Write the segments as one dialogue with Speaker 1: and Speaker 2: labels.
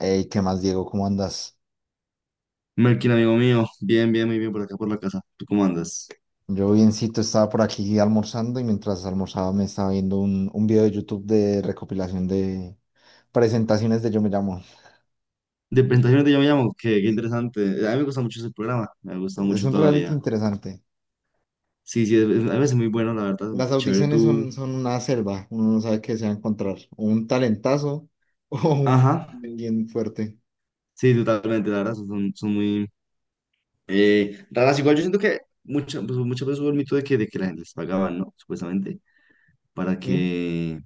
Speaker 1: Ey, ¿qué más, Diego? ¿Cómo andas?
Speaker 2: Melkin, amigo mío, bien, bien, muy bien por acá, por la casa. ¿Tú cómo andas?
Speaker 1: Yo biencito, estaba por aquí almorzando y mientras almorzaba me estaba viendo un video de YouTube de recopilación de presentaciones de Yo Me Llamo.
Speaker 2: De presentaciones de Yo Me Llamo, qué
Speaker 1: Sí, sí.
Speaker 2: interesante. A mí me gusta mucho ese programa, me gusta
Speaker 1: Es
Speaker 2: mucho
Speaker 1: un reality
Speaker 2: todavía.
Speaker 1: interesante.
Speaker 2: Sí, sí, a veces muy bueno, la verdad,
Speaker 1: Las
Speaker 2: es chévere
Speaker 1: audiciones
Speaker 2: tú.
Speaker 1: son una selva, uno no sabe qué se va a encontrar, o un talentazo o un
Speaker 2: Ajá,
Speaker 1: alguien fuerte.
Speaker 2: sí, totalmente, la verdad, son, son muy raras. Igual yo siento que pues, muchas veces hubo el mito de que la gente les pagaba, ¿no? Supuestamente, para
Speaker 1: ¿Sí?
Speaker 2: que,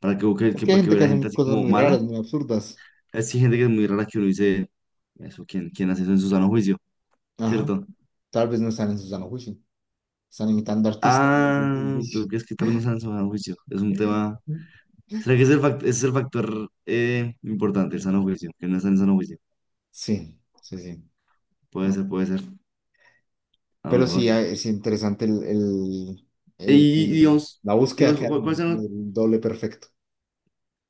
Speaker 1: Es que hay
Speaker 2: para que
Speaker 1: gente que
Speaker 2: hubiera gente
Speaker 1: hace
Speaker 2: así
Speaker 1: cosas
Speaker 2: como
Speaker 1: muy
Speaker 2: mala.
Speaker 1: raras, muy absurdas.
Speaker 2: Así gente que es muy rara que uno dice, eso, ¿quién hace eso en su sano juicio?
Speaker 1: Ajá.
Speaker 2: ¿Cierto?
Speaker 1: Tal vez no están en su sano juicio, están imitando artistas desde sus
Speaker 2: Ah, ¿tú
Speaker 1: vicios.
Speaker 2: crees que tal vez no sean sano juicio? Es un tema. ¿Será que es ese es el factor importante, el sano juicio? Que no están en sano juicio.
Speaker 1: Sí, sí, sí.
Speaker 2: Puede
Speaker 1: No,
Speaker 2: ser, puede ser. A lo
Speaker 1: pero sí,
Speaker 2: mejor.
Speaker 1: ah, es interesante
Speaker 2: Y, y digamos,
Speaker 1: la búsqueda
Speaker 2: digamos,
Speaker 1: que hay
Speaker 2: ¿cuáles son los-
Speaker 1: del doble perfecto.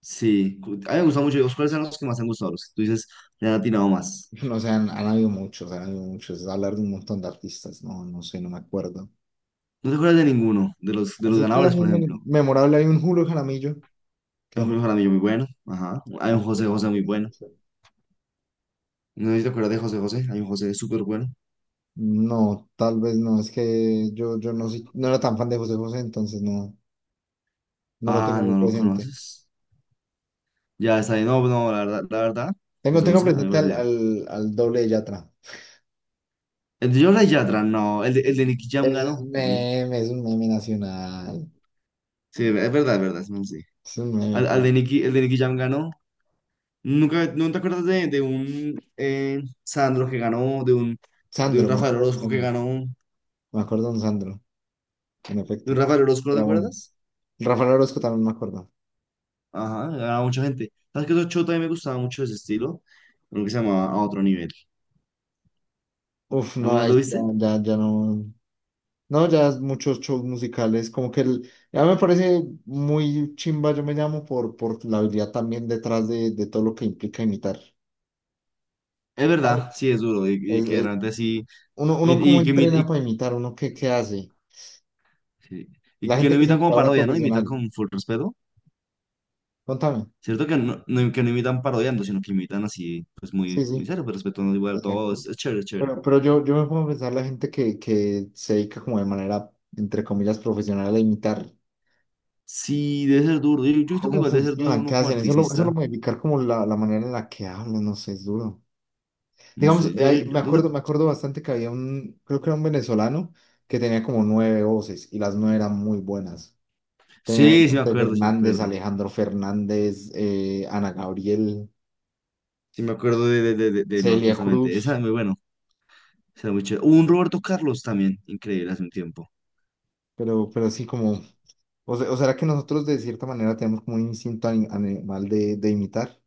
Speaker 2: Sí, cu- a mí me gustan mucho. Digamos, ¿cuáles son los que más te han gustado? Los que tú dices, le han atinado más.
Speaker 1: No sé, han habido muchos, han habido muchos. Hablar de un montón de artistas, no sé, no me acuerdo.
Speaker 2: No te acuerdas de ninguno, de los
Speaker 1: Así que era
Speaker 2: ganadores,
Speaker 1: muy
Speaker 2: por ejemplo.
Speaker 1: memorable. Hay un Julio Jaramillo, que
Speaker 2: Hay
Speaker 1: era
Speaker 2: un
Speaker 1: muy.
Speaker 2: Julio Jaramillo muy bueno. Ajá. Hay un José José muy bueno. No sé si te acuerdas de José José. Hay un José súper bueno.
Speaker 1: No, tal vez no, es que yo no, no era tan fan de José José, entonces no lo
Speaker 2: Ah,
Speaker 1: tengo muy
Speaker 2: no lo
Speaker 1: presente.
Speaker 2: conoces. Ya está ahí. No, no, la verdad, la verdad.
Speaker 1: Tengo,
Speaker 2: José
Speaker 1: tengo
Speaker 2: José, a mí
Speaker 1: presente
Speaker 2: me
Speaker 1: al,
Speaker 2: parece.
Speaker 1: al, al doble de Yatra.
Speaker 2: El de Yola y Yatra, no. El de Nicky Jam ganó también.
Speaker 1: Es un meme nacional.
Speaker 2: Sí, es verdad, es verdad. No, sí.
Speaker 1: Es un
Speaker 2: Al
Speaker 1: meme.
Speaker 2: de Nicky, el de Nicky Jam ganó. ¿Nunca, no te acuerdas de un Sandro que ganó? De un
Speaker 1: Sandro, me
Speaker 2: Rafael
Speaker 1: acuerdo de
Speaker 2: Orozco que
Speaker 1: Sandro.
Speaker 2: ganó.
Speaker 1: Me acuerdo de un Sandro, en
Speaker 2: ¿De un
Speaker 1: efecto.
Speaker 2: Rafael Orozco no te
Speaker 1: Era bueno.
Speaker 2: acuerdas?
Speaker 1: Rafael Orozco también me acuerdo.
Speaker 2: Ajá, ganaba mucha gente. ¿Sabes qué? Otro show también me gustaba mucho ese estilo. Uno que se llamaba A Otro Nivel.
Speaker 1: Uf, no,
Speaker 2: ¿Alguna vez
Speaker 1: ahí
Speaker 2: lo
Speaker 1: sí ya,
Speaker 2: viste?
Speaker 1: ya, ya no. No, ya es muchos shows musicales. Como que ya me parece muy chimba, yo me llamo, por la habilidad también detrás de todo lo que implica imitar.
Speaker 2: Es
Speaker 1: ¿Sabes?
Speaker 2: verdad, sí, es duro. Y
Speaker 1: Es,
Speaker 2: que
Speaker 1: es-
Speaker 2: realmente sí.
Speaker 1: uno
Speaker 2: Y,
Speaker 1: cómo
Speaker 2: y que,
Speaker 1: entrena para imitar, uno qué hace.
Speaker 2: sí, y
Speaker 1: La
Speaker 2: que
Speaker 1: gente
Speaker 2: no
Speaker 1: que es
Speaker 2: imitan como
Speaker 1: imitadora
Speaker 2: parodia, ¿no? Imitan
Speaker 1: profesional.
Speaker 2: con full respeto.
Speaker 1: Contame.
Speaker 2: Cierto que no, que no imitan parodiando, sino que imitan así, pues
Speaker 1: Sí,
Speaker 2: muy, muy
Speaker 1: sí,
Speaker 2: serio, pero respetando igual todo.
Speaker 1: exacto.
Speaker 2: Es chévere, es chévere.
Speaker 1: Pero yo me pongo a pensar la gente que se dedica como de manera, entre comillas, profesional a imitar
Speaker 2: Sí, debe ser duro. Yo siento que
Speaker 1: cómo
Speaker 2: igual debe ser duro
Speaker 1: funcionan,
Speaker 2: uno
Speaker 1: qué
Speaker 2: como
Speaker 1: hacen. Eso lo
Speaker 2: artista.
Speaker 1: modificar como la manera en la que hablan, no sé, es duro.
Speaker 2: No
Speaker 1: Digamos,
Speaker 2: sé. Yo,
Speaker 1: me
Speaker 2: no te-
Speaker 1: acuerdo, me acuerdo bastante que había un, creo que era un venezolano que tenía como nueve voces y las nueve eran muy buenas. Tenía
Speaker 2: Sí, sí me
Speaker 1: Vicente
Speaker 2: acuerdo, sí me
Speaker 1: Fernández,
Speaker 2: acuerdo.
Speaker 1: Alejandro Fernández, Ana Gabriel,
Speaker 2: Sí me acuerdo de, de Majo,
Speaker 1: Celia
Speaker 2: justamente. Esa
Speaker 1: Cruz,
Speaker 2: es muy bueno. O sea, muy chévere. Hubo un Roberto Carlos también, increíble, hace un tiempo.
Speaker 1: pero así como. O sea, o será que nosotros de cierta manera tenemos como un instinto animal de imitar,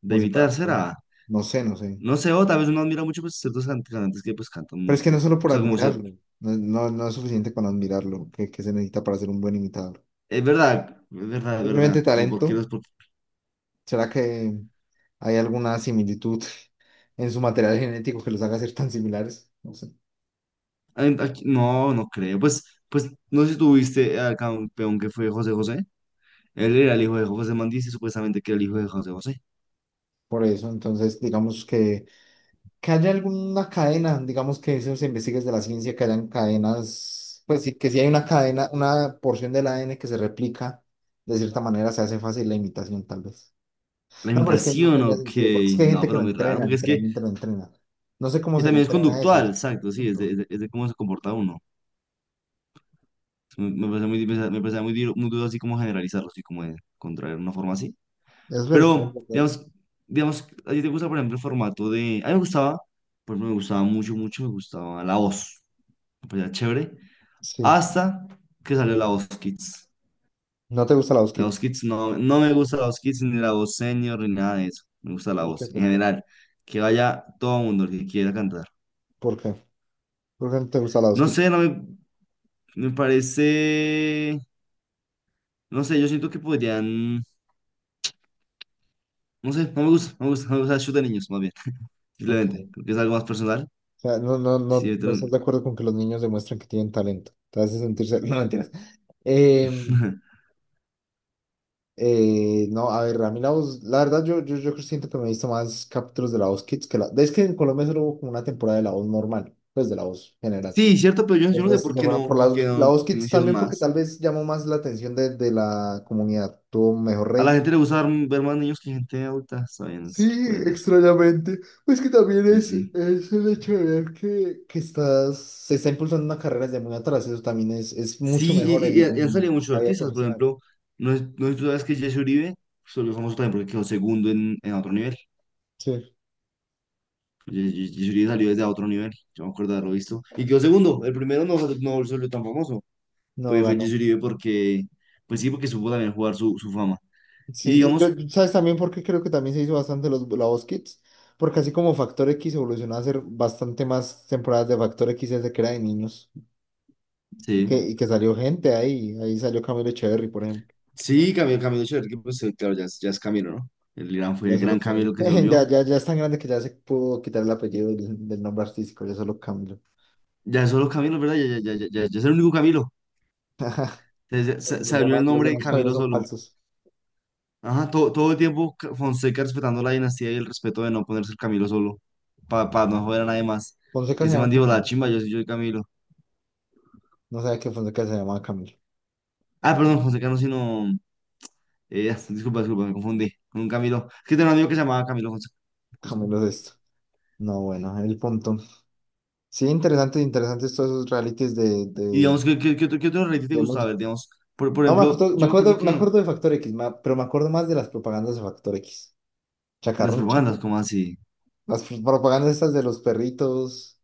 Speaker 2: De
Speaker 1: como si fuera,
Speaker 2: imitar será.
Speaker 1: no sé.
Speaker 2: No sé, o tal vez uno admira mucho pues ciertos cantantes que pues cantan
Speaker 1: Pero es que
Speaker 2: mucho. O
Speaker 1: no es solo por
Speaker 2: sea, como si...
Speaker 1: admirarlo, no, no, no es suficiente con admirarlo, que se necesita para ser un buen imitador.
Speaker 2: Es verdad, es verdad, es
Speaker 1: Simplemente
Speaker 2: verdad. Como por qué
Speaker 1: talento,
Speaker 2: los,
Speaker 1: ¿será que hay alguna similitud en su material genético que los haga ser tan similares? No sé.
Speaker 2: ay, no, no creo. Pues, pues no sé si tuviste al campeón que fue José José. Él era el hijo de José Mandis y supuestamente que era el hijo de José José.
Speaker 1: Por eso, entonces, digamos que haya alguna cadena, digamos que eso se investiga desde la ciencia, que hayan cadenas, pues sí, que si hay una cadena, una porción del ADN que se replica, de cierta manera se hace fácil la imitación, tal vez.
Speaker 2: La
Speaker 1: No, pero es que no
Speaker 2: imitación,
Speaker 1: tendría
Speaker 2: ok.
Speaker 1: sentido, porque es que hay
Speaker 2: No,
Speaker 1: gente que
Speaker 2: pero
Speaker 1: lo
Speaker 2: muy raro,
Speaker 1: entrena,
Speaker 2: porque es que
Speaker 1: literalmente lo entrena. No sé cómo
Speaker 2: y
Speaker 1: se
Speaker 2: también es
Speaker 1: entrena eso,
Speaker 2: conductual,
Speaker 1: es el
Speaker 2: exacto, sí, es de,
Speaker 1: punto.
Speaker 2: es de cómo se comporta uno. Me parece muy, me parece muy, muy duro así como generalizarlo, así como de contraer una forma así.
Speaker 1: Es verdad, es
Speaker 2: Pero,
Speaker 1: verdad.
Speaker 2: digamos, digamos, ¿a ti te gusta, por ejemplo, el formato de... A mí me gustaba, por ejemplo, me gustaba mucho, mucho, me gustaba La Voz. Me parecía chévere.
Speaker 1: Sí.
Speaker 2: Hasta que salió La Voz Kids.
Speaker 1: ¿No te gusta la
Speaker 2: La
Speaker 1: Kit?
Speaker 2: Voz Kids no, no me gusta la Voz Kids ni la Voz Senior ni nada de eso. Me gusta la
Speaker 1: ¿Por qué?
Speaker 2: Voz en
Speaker 1: ¿Por qué?
Speaker 2: general. Que vaya todo el mundo el que quiera cantar.
Speaker 1: ¿Por qué? ¿Por qué no te gusta la
Speaker 2: No
Speaker 1: Kit?
Speaker 2: sé, me parece. No sé, yo siento que podrían. No sé, no me gusta, no me gusta, no me gusta el show de niños, más bien.
Speaker 1: Ok.
Speaker 2: Simplemente,
Speaker 1: O
Speaker 2: creo que es algo más personal.
Speaker 1: sea, no, no, no,
Speaker 2: Sí,
Speaker 1: no
Speaker 2: yo
Speaker 1: estás de acuerdo con que los niños demuestren que tienen talento. Te hace sentirse. No, mentiras. Eh, No, a ver, a mí la voz, la verdad yo siento que me he visto más capítulos de la voz Kids que la. Es que en Colombia solo hubo como una temporada de la voz normal, pues de la voz general.
Speaker 2: sí, cierto, pero yo,
Speaker 1: El
Speaker 2: yo no sé
Speaker 1: resto
Speaker 2: por
Speaker 1: se
Speaker 2: qué
Speaker 1: fueron
Speaker 2: no,
Speaker 1: por
Speaker 2: por qué
Speaker 1: la
Speaker 2: no,
Speaker 1: voz
Speaker 2: por qué no
Speaker 1: Kids
Speaker 2: hicieron
Speaker 1: también porque
Speaker 2: más.
Speaker 1: tal vez llamó más la atención de la comunidad, tuvo mejor
Speaker 2: A la
Speaker 1: rating.
Speaker 2: gente le gusta ver, ver más niños que gente adulta, está bien,
Speaker 1: Sí,
Speaker 2: es- puede ser.
Speaker 1: extrañamente. Pues que también
Speaker 2: Sí, sí.
Speaker 1: es,
Speaker 2: Sí.
Speaker 1: es el hecho de ver que estás, se está impulsando una carrera desde muy atrás, eso también es mucho
Speaker 2: Sí,
Speaker 1: mejor
Speaker 2: y,
Speaker 1: en,
Speaker 2: y- y han salido
Speaker 1: en
Speaker 2: muchos
Speaker 1: la vida
Speaker 2: artistas, por
Speaker 1: profesional.
Speaker 2: ejemplo, no es, no es tú sabes que Jesse Uribe se volvió famoso también porque quedó segundo en otro nivel.
Speaker 1: Sí.
Speaker 2: Jesse Uribe salió desde otro nivel, yo me acuerdo de haberlo visto. Y quedó segundo, el primero no, no se volvió tan famoso.
Speaker 1: No
Speaker 2: Fue, fue
Speaker 1: ganó.
Speaker 2: Jesse Uribe porque, pues sí, porque supo también jugar su, su fama. Y
Speaker 1: Sí, y yo,
Speaker 2: digamos,
Speaker 1: ¿sabes también por qué creo que también se hizo bastante la voz Kids? Porque así como Factor X evolucionó a ser bastante más temporadas de Factor X desde que era de niños y que,
Speaker 2: sí,
Speaker 1: y que salió gente ahí salió Camilo Echeverry, por ejemplo.
Speaker 2: sí, Camilo, Camilo Echeverri, que pues claro, ya es Camilo, ¿no? El gran, fue
Speaker 1: Ya
Speaker 2: el
Speaker 1: solo
Speaker 2: gran
Speaker 1: Camilo.
Speaker 2: Camilo que se
Speaker 1: Ya,
Speaker 2: volvió.
Speaker 1: ya, ya es tan grande que ya se pudo quitar el apellido del nombre artístico, ya solo Camilo.
Speaker 2: Ya es solo Camilo, ¿verdad? Ya es el único Camilo. Se abrió el
Speaker 1: Los
Speaker 2: nombre de
Speaker 1: demás Camilo
Speaker 2: Camilo
Speaker 1: son
Speaker 2: solo.
Speaker 1: falsos.
Speaker 2: Ajá, todo, todo el tiempo Fonseca respetando la dinastía y el respeto de no ponerse el Camilo solo, para no joder a nadie más.
Speaker 1: Fonseca
Speaker 2: Y
Speaker 1: se
Speaker 2: ese man
Speaker 1: llama
Speaker 2: dijo, la
Speaker 1: Camilo.
Speaker 2: chimba, yo sí soy yo el Camilo.
Speaker 1: No sabía que Fonseca se llamaba Camilo.
Speaker 2: Ah, perdón, Fonseca no, sino... disculpa, disculpa, me confundí con un Camilo. Es que tenía un amigo que se llamaba Camilo Fonseca,
Speaker 1: Camilo
Speaker 2: justamente.
Speaker 1: es esto. No, bueno, el punto. Sí, interesante, interesantes todos esos realities de,
Speaker 2: Y
Speaker 1: de,
Speaker 2: digamos, ¿qué otro reality te
Speaker 1: de
Speaker 2: gustaba
Speaker 1: música.
Speaker 2: ver? Digamos, por
Speaker 1: No, me
Speaker 2: ejemplo,
Speaker 1: acuerdo, me
Speaker 2: yo me acuerdo
Speaker 1: acuerdo, me
Speaker 2: que
Speaker 1: acuerdo de Factor X, pero me acuerdo más de las propagandas de Factor X.
Speaker 2: las
Speaker 1: Chacarrón,
Speaker 2: propagandas,
Speaker 1: chacarrón.
Speaker 2: ¿como así?
Speaker 1: Las propagandas estas de los perritos.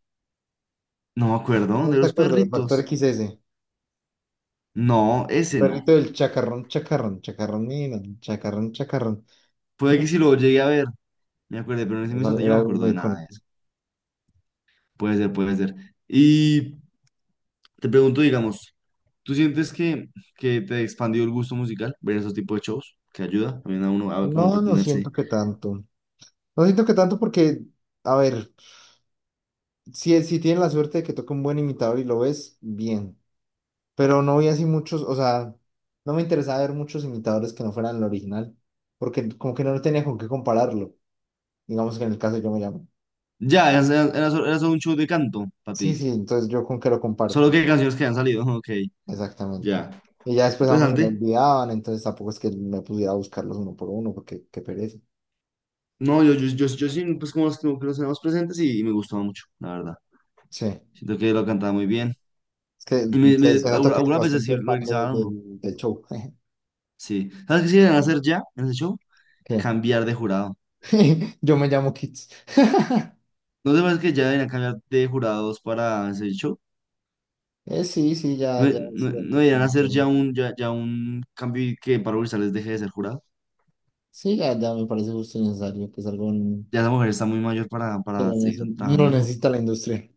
Speaker 2: No me acuerdo,
Speaker 1: No,
Speaker 2: ¿no?, de
Speaker 1: no te
Speaker 2: los
Speaker 1: acuerdas, Factor
Speaker 2: perritos.
Speaker 1: X XS.
Speaker 2: No, ese no.
Speaker 1: Perrito del chacarrón, chacarrón, chacarrón, mira, chacarrón, chacarrón.
Speaker 2: Puede que si lo llegué a ver, me acuerde, pero en ese mismo
Speaker 1: Eso
Speaker 2: instante yo
Speaker 1: era
Speaker 2: no me
Speaker 1: algo
Speaker 2: acuerdo
Speaker 1: muy
Speaker 2: de nada de
Speaker 1: icónico.
Speaker 2: eso. Puede ser, puede ser. Y... Te pregunto, digamos, ¿tú sientes que te expandió el gusto musical? Ver esos tipos de shows que ayuda también a uno a como
Speaker 1: No, no
Speaker 2: entretenerse.
Speaker 1: siento que tanto. No siento que tanto porque, a ver, si tienes la suerte de que toque un buen imitador y lo ves, bien. Pero no vi así muchos, o sea, no me interesaba ver muchos imitadores que no fueran el original, porque como que no tenía con qué compararlo. Digamos que en el caso yo me llamo.
Speaker 2: Ya, era, era solo un show de canto para
Speaker 1: Sí,
Speaker 2: ti.
Speaker 1: sí, entonces yo con qué lo comparo,
Speaker 2: Solo
Speaker 1: pues,
Speaker 2: que canciones que han salido. Ok,
Speaker 1: exactamente.
Speaker 2: ya.
Speaker 1: Y ya después a uno se lo
Speaker 2: Interesante.
Speaker 1: olvidaban, entonces tampoco es que me pudiera buscarlos uno por uno, porque qué pereza.
Speaker 2: No, yo sí, pues como los que como que los tenemos presentes y me gustaba mucho, la verdad.
Speaker 1: Sí, es
Speaker 2: Siento que lo cantaba muy bien.
Speaker 1: que
Speaker 2: Y
Speaker 1: se nota que es
Speaker 2: algunas veces sí
Speaker 1: bastante
Speaker 2: lo
Speaker 1: fan de-
Speaker 2: realizaban uno.
Speaker 1: del del show.
Speaker 2: Sí. ¿Sabes qué sí deberían hacer ya en ese show?
Speaker 1: ¿Qué?
Speaker 2: Cambiar de jurado.
Speaker 1: Yo me llamo Kids.
Speaker 2: ¿No te parece que ya deberían cambiar de jurados para ese show?
Speaker 1: Sí, sí,
Speaker 2: No,
Speaker 1: ya, ya,
Speaker 2: no,
Speaker 1: sí, ya,
Speaker 2: no
Speaker 1: justo y
Speaker 2: deberían hacer
Speaker 1: necesario.
Speaker 2: ya un, ya, ya un cambio y que Pablo Grisales deje de ser jurado.
Speaker 1: Sí, ya, ya me parece justo y necesario que salga un,
Speaker 2: Ya esa mujer está muy mayor
Speaker 1: que
Speaker 2: para
Speaker 1: lo
Speaker 2: seguir
Speaker 1: nece-
Speaker 2: trabajando
Speaker 1: lo
Speaker 2: eso.
Speaker 1: necesita la industria.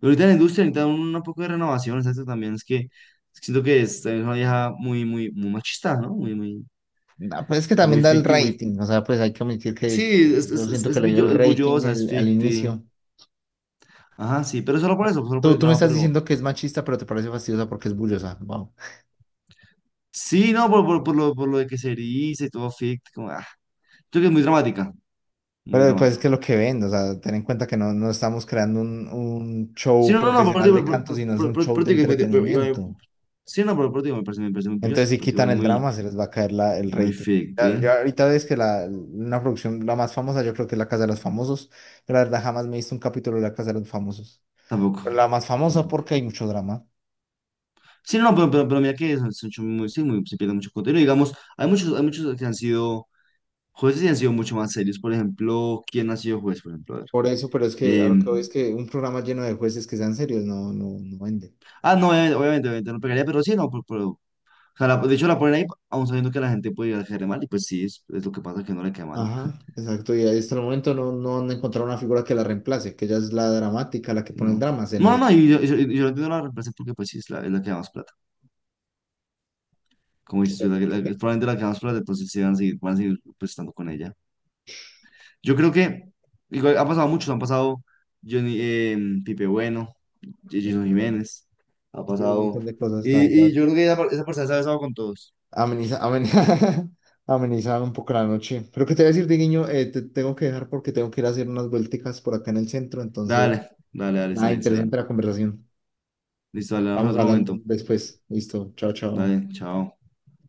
Speaker 2: Pero ahorita en la industria necesitan un poco de renovación, exacto, también es que siento que es una vieja muy, muy, muy machista, ¿no? Muy, muy,
Speaker 1: No, pues es que
Speaker 2: pues
Speaker 1: también
Speaker 2: muy
Speaker 1: da el
Speaker 2: ficti, muy...
Speaker 1: rating, o sea, pues hay que admitir que,
Speaker 2: Sí,
Speaker 1: que yo siento que le dio el
Speaker 2: es
Speaker 1: rating
Speaker 2: bullosa, es
Speaker 1: el- al
Speaker 2: ficti.
Speaker 1: inicio.
Speaker 2: Ajá, sí, pero solo por eso, solo por
Speaker 1: Tú,
Speaker 2: el
Speaker 1: tú me
Speaker 2: drama,
Speaker 1: estás
Speaker 2: pero...
Speaker 1: diciendo que es machista, pero te parece fastidiosa porque es bullosa, wow.
Speaker 2: Sí, no, por, por lo, por lo de que se eriza y todo ficti, como... Ah, creo que es muy dramática, muy
Speaker 1: Pero pues es
Speaker 2: dramática.
Speaker 1: que es lo que ven, o sea, ten en cuenta que no estamos creando un
Speaker 2: Sí,
Speaker 1: show
Speaker 2: no, no, no, por, ti,
Speaker 1: profesional de
Speaker 2: por,
Speaker 1: canto,
Speaker 2: por,
Speaker 1: sino es
Speaker 2: por,
Speaker 1: un
Speaker 2: por-
Speaker 1: show
Speaker 2: por
Speaker 1: de
Speaker 2: ti que
Speaker 1: entretenimiento.
Speaker 2: sí, no, por ti que me parece muy pilloso,
Speaker 1: Entonces si
Speaker 2: pero igual
Speaker 1: quitan el
Speaker 2: muy,
Speaker 1: drama, se les va a caer el
Speaker 2: muy
Speaker 1: rating. Ya,
Speaker 2: fake,
Speaker 1: ya ahorita ves que una producción, la más famosa, yo creo que es La Casa de los Famosos, pero la verdad jamás me he visto un capítulo de La Casa de los Famosos.
Speaker 2: tampoco,
Speaker 1: La más famosa
Speaker 2: tampoco.
Speaker 1: porque hay mucho drama.
Speaker 2: Sí, no, no, pero, pero mira que son, son muy, sí, muy- se pierde mucho contenido. Digamos, hay muchos que han sido jueces y han sido mucho más serios. Por ejemplo, ¿quién ha sido juez? Por ejemplo, a ver.
Speaker 1: Por eso, pero es que a lo que voy
Speaker 2: Em,
Speaker 1: es que un programa lleno de jueces que sean serios no, no, no vende.
Speaker 2: no, obviamente, obviamente, obviamente no pegaría, pero sí, no, pero, o sea, de hecho la ponen ahí, aún sabiendo que la gente puede llegar a caerle mal, y pues sí, es lo que pasa, que no le cae mal.
Speaker 1: Ajá, exacto. Y hasta el momento no han encontrado una figura que la reemplace, que ella es la dramática, la que pone el
Speaker 2: No.
Speaker 1: drama. Se
Speaker 2: No, no,
Speaker 1: necesita
Speaker 2: y yo lo entiendo la reemplacen porque pues sí es la que da más plata. Como dices tú,
Speaker 1: ver
Speaker 2: es la, es
Speaker 1: ¿qué?
Speaker 2: probablemente la que da más plata, entonces sí van a seguir pues estando con ella. Yo creo que igual ha pasado muchos, han pasado Johnny, Pipe Bueno, Jason Jiménez, ha
Speaker 1: Sí, un
Speaker 2: pasado.
Speaker 1: montón de cosas, la
Speaker 2: Y
Speaker 1: verdad.
Speaker 2: yo creo que esa, esa persona se ha besado con todos.
Speaker 1: Ameniza, ameniza, ameniza un poco la noche. Pero que te voy a decir, Diguiño, te tengo que dejar porque tengo que ir a hacer unas vuelticas por acá en el centro. Entonces,
Speaker 2: Dale, dale, dale, está
Speaker 1: nada,
Speaker 2: bien, está bien.
Speaker 1: interesante la conversación.
Speaker 2: Listo, dale, vamos a
Speaker 1: Vamos
Speaker 2: otro
Speaker 1: hablando
Speaker 2: momento.
Speaker 1: después. Listo. Chao, chao.
Speaker 2: Dale, chao.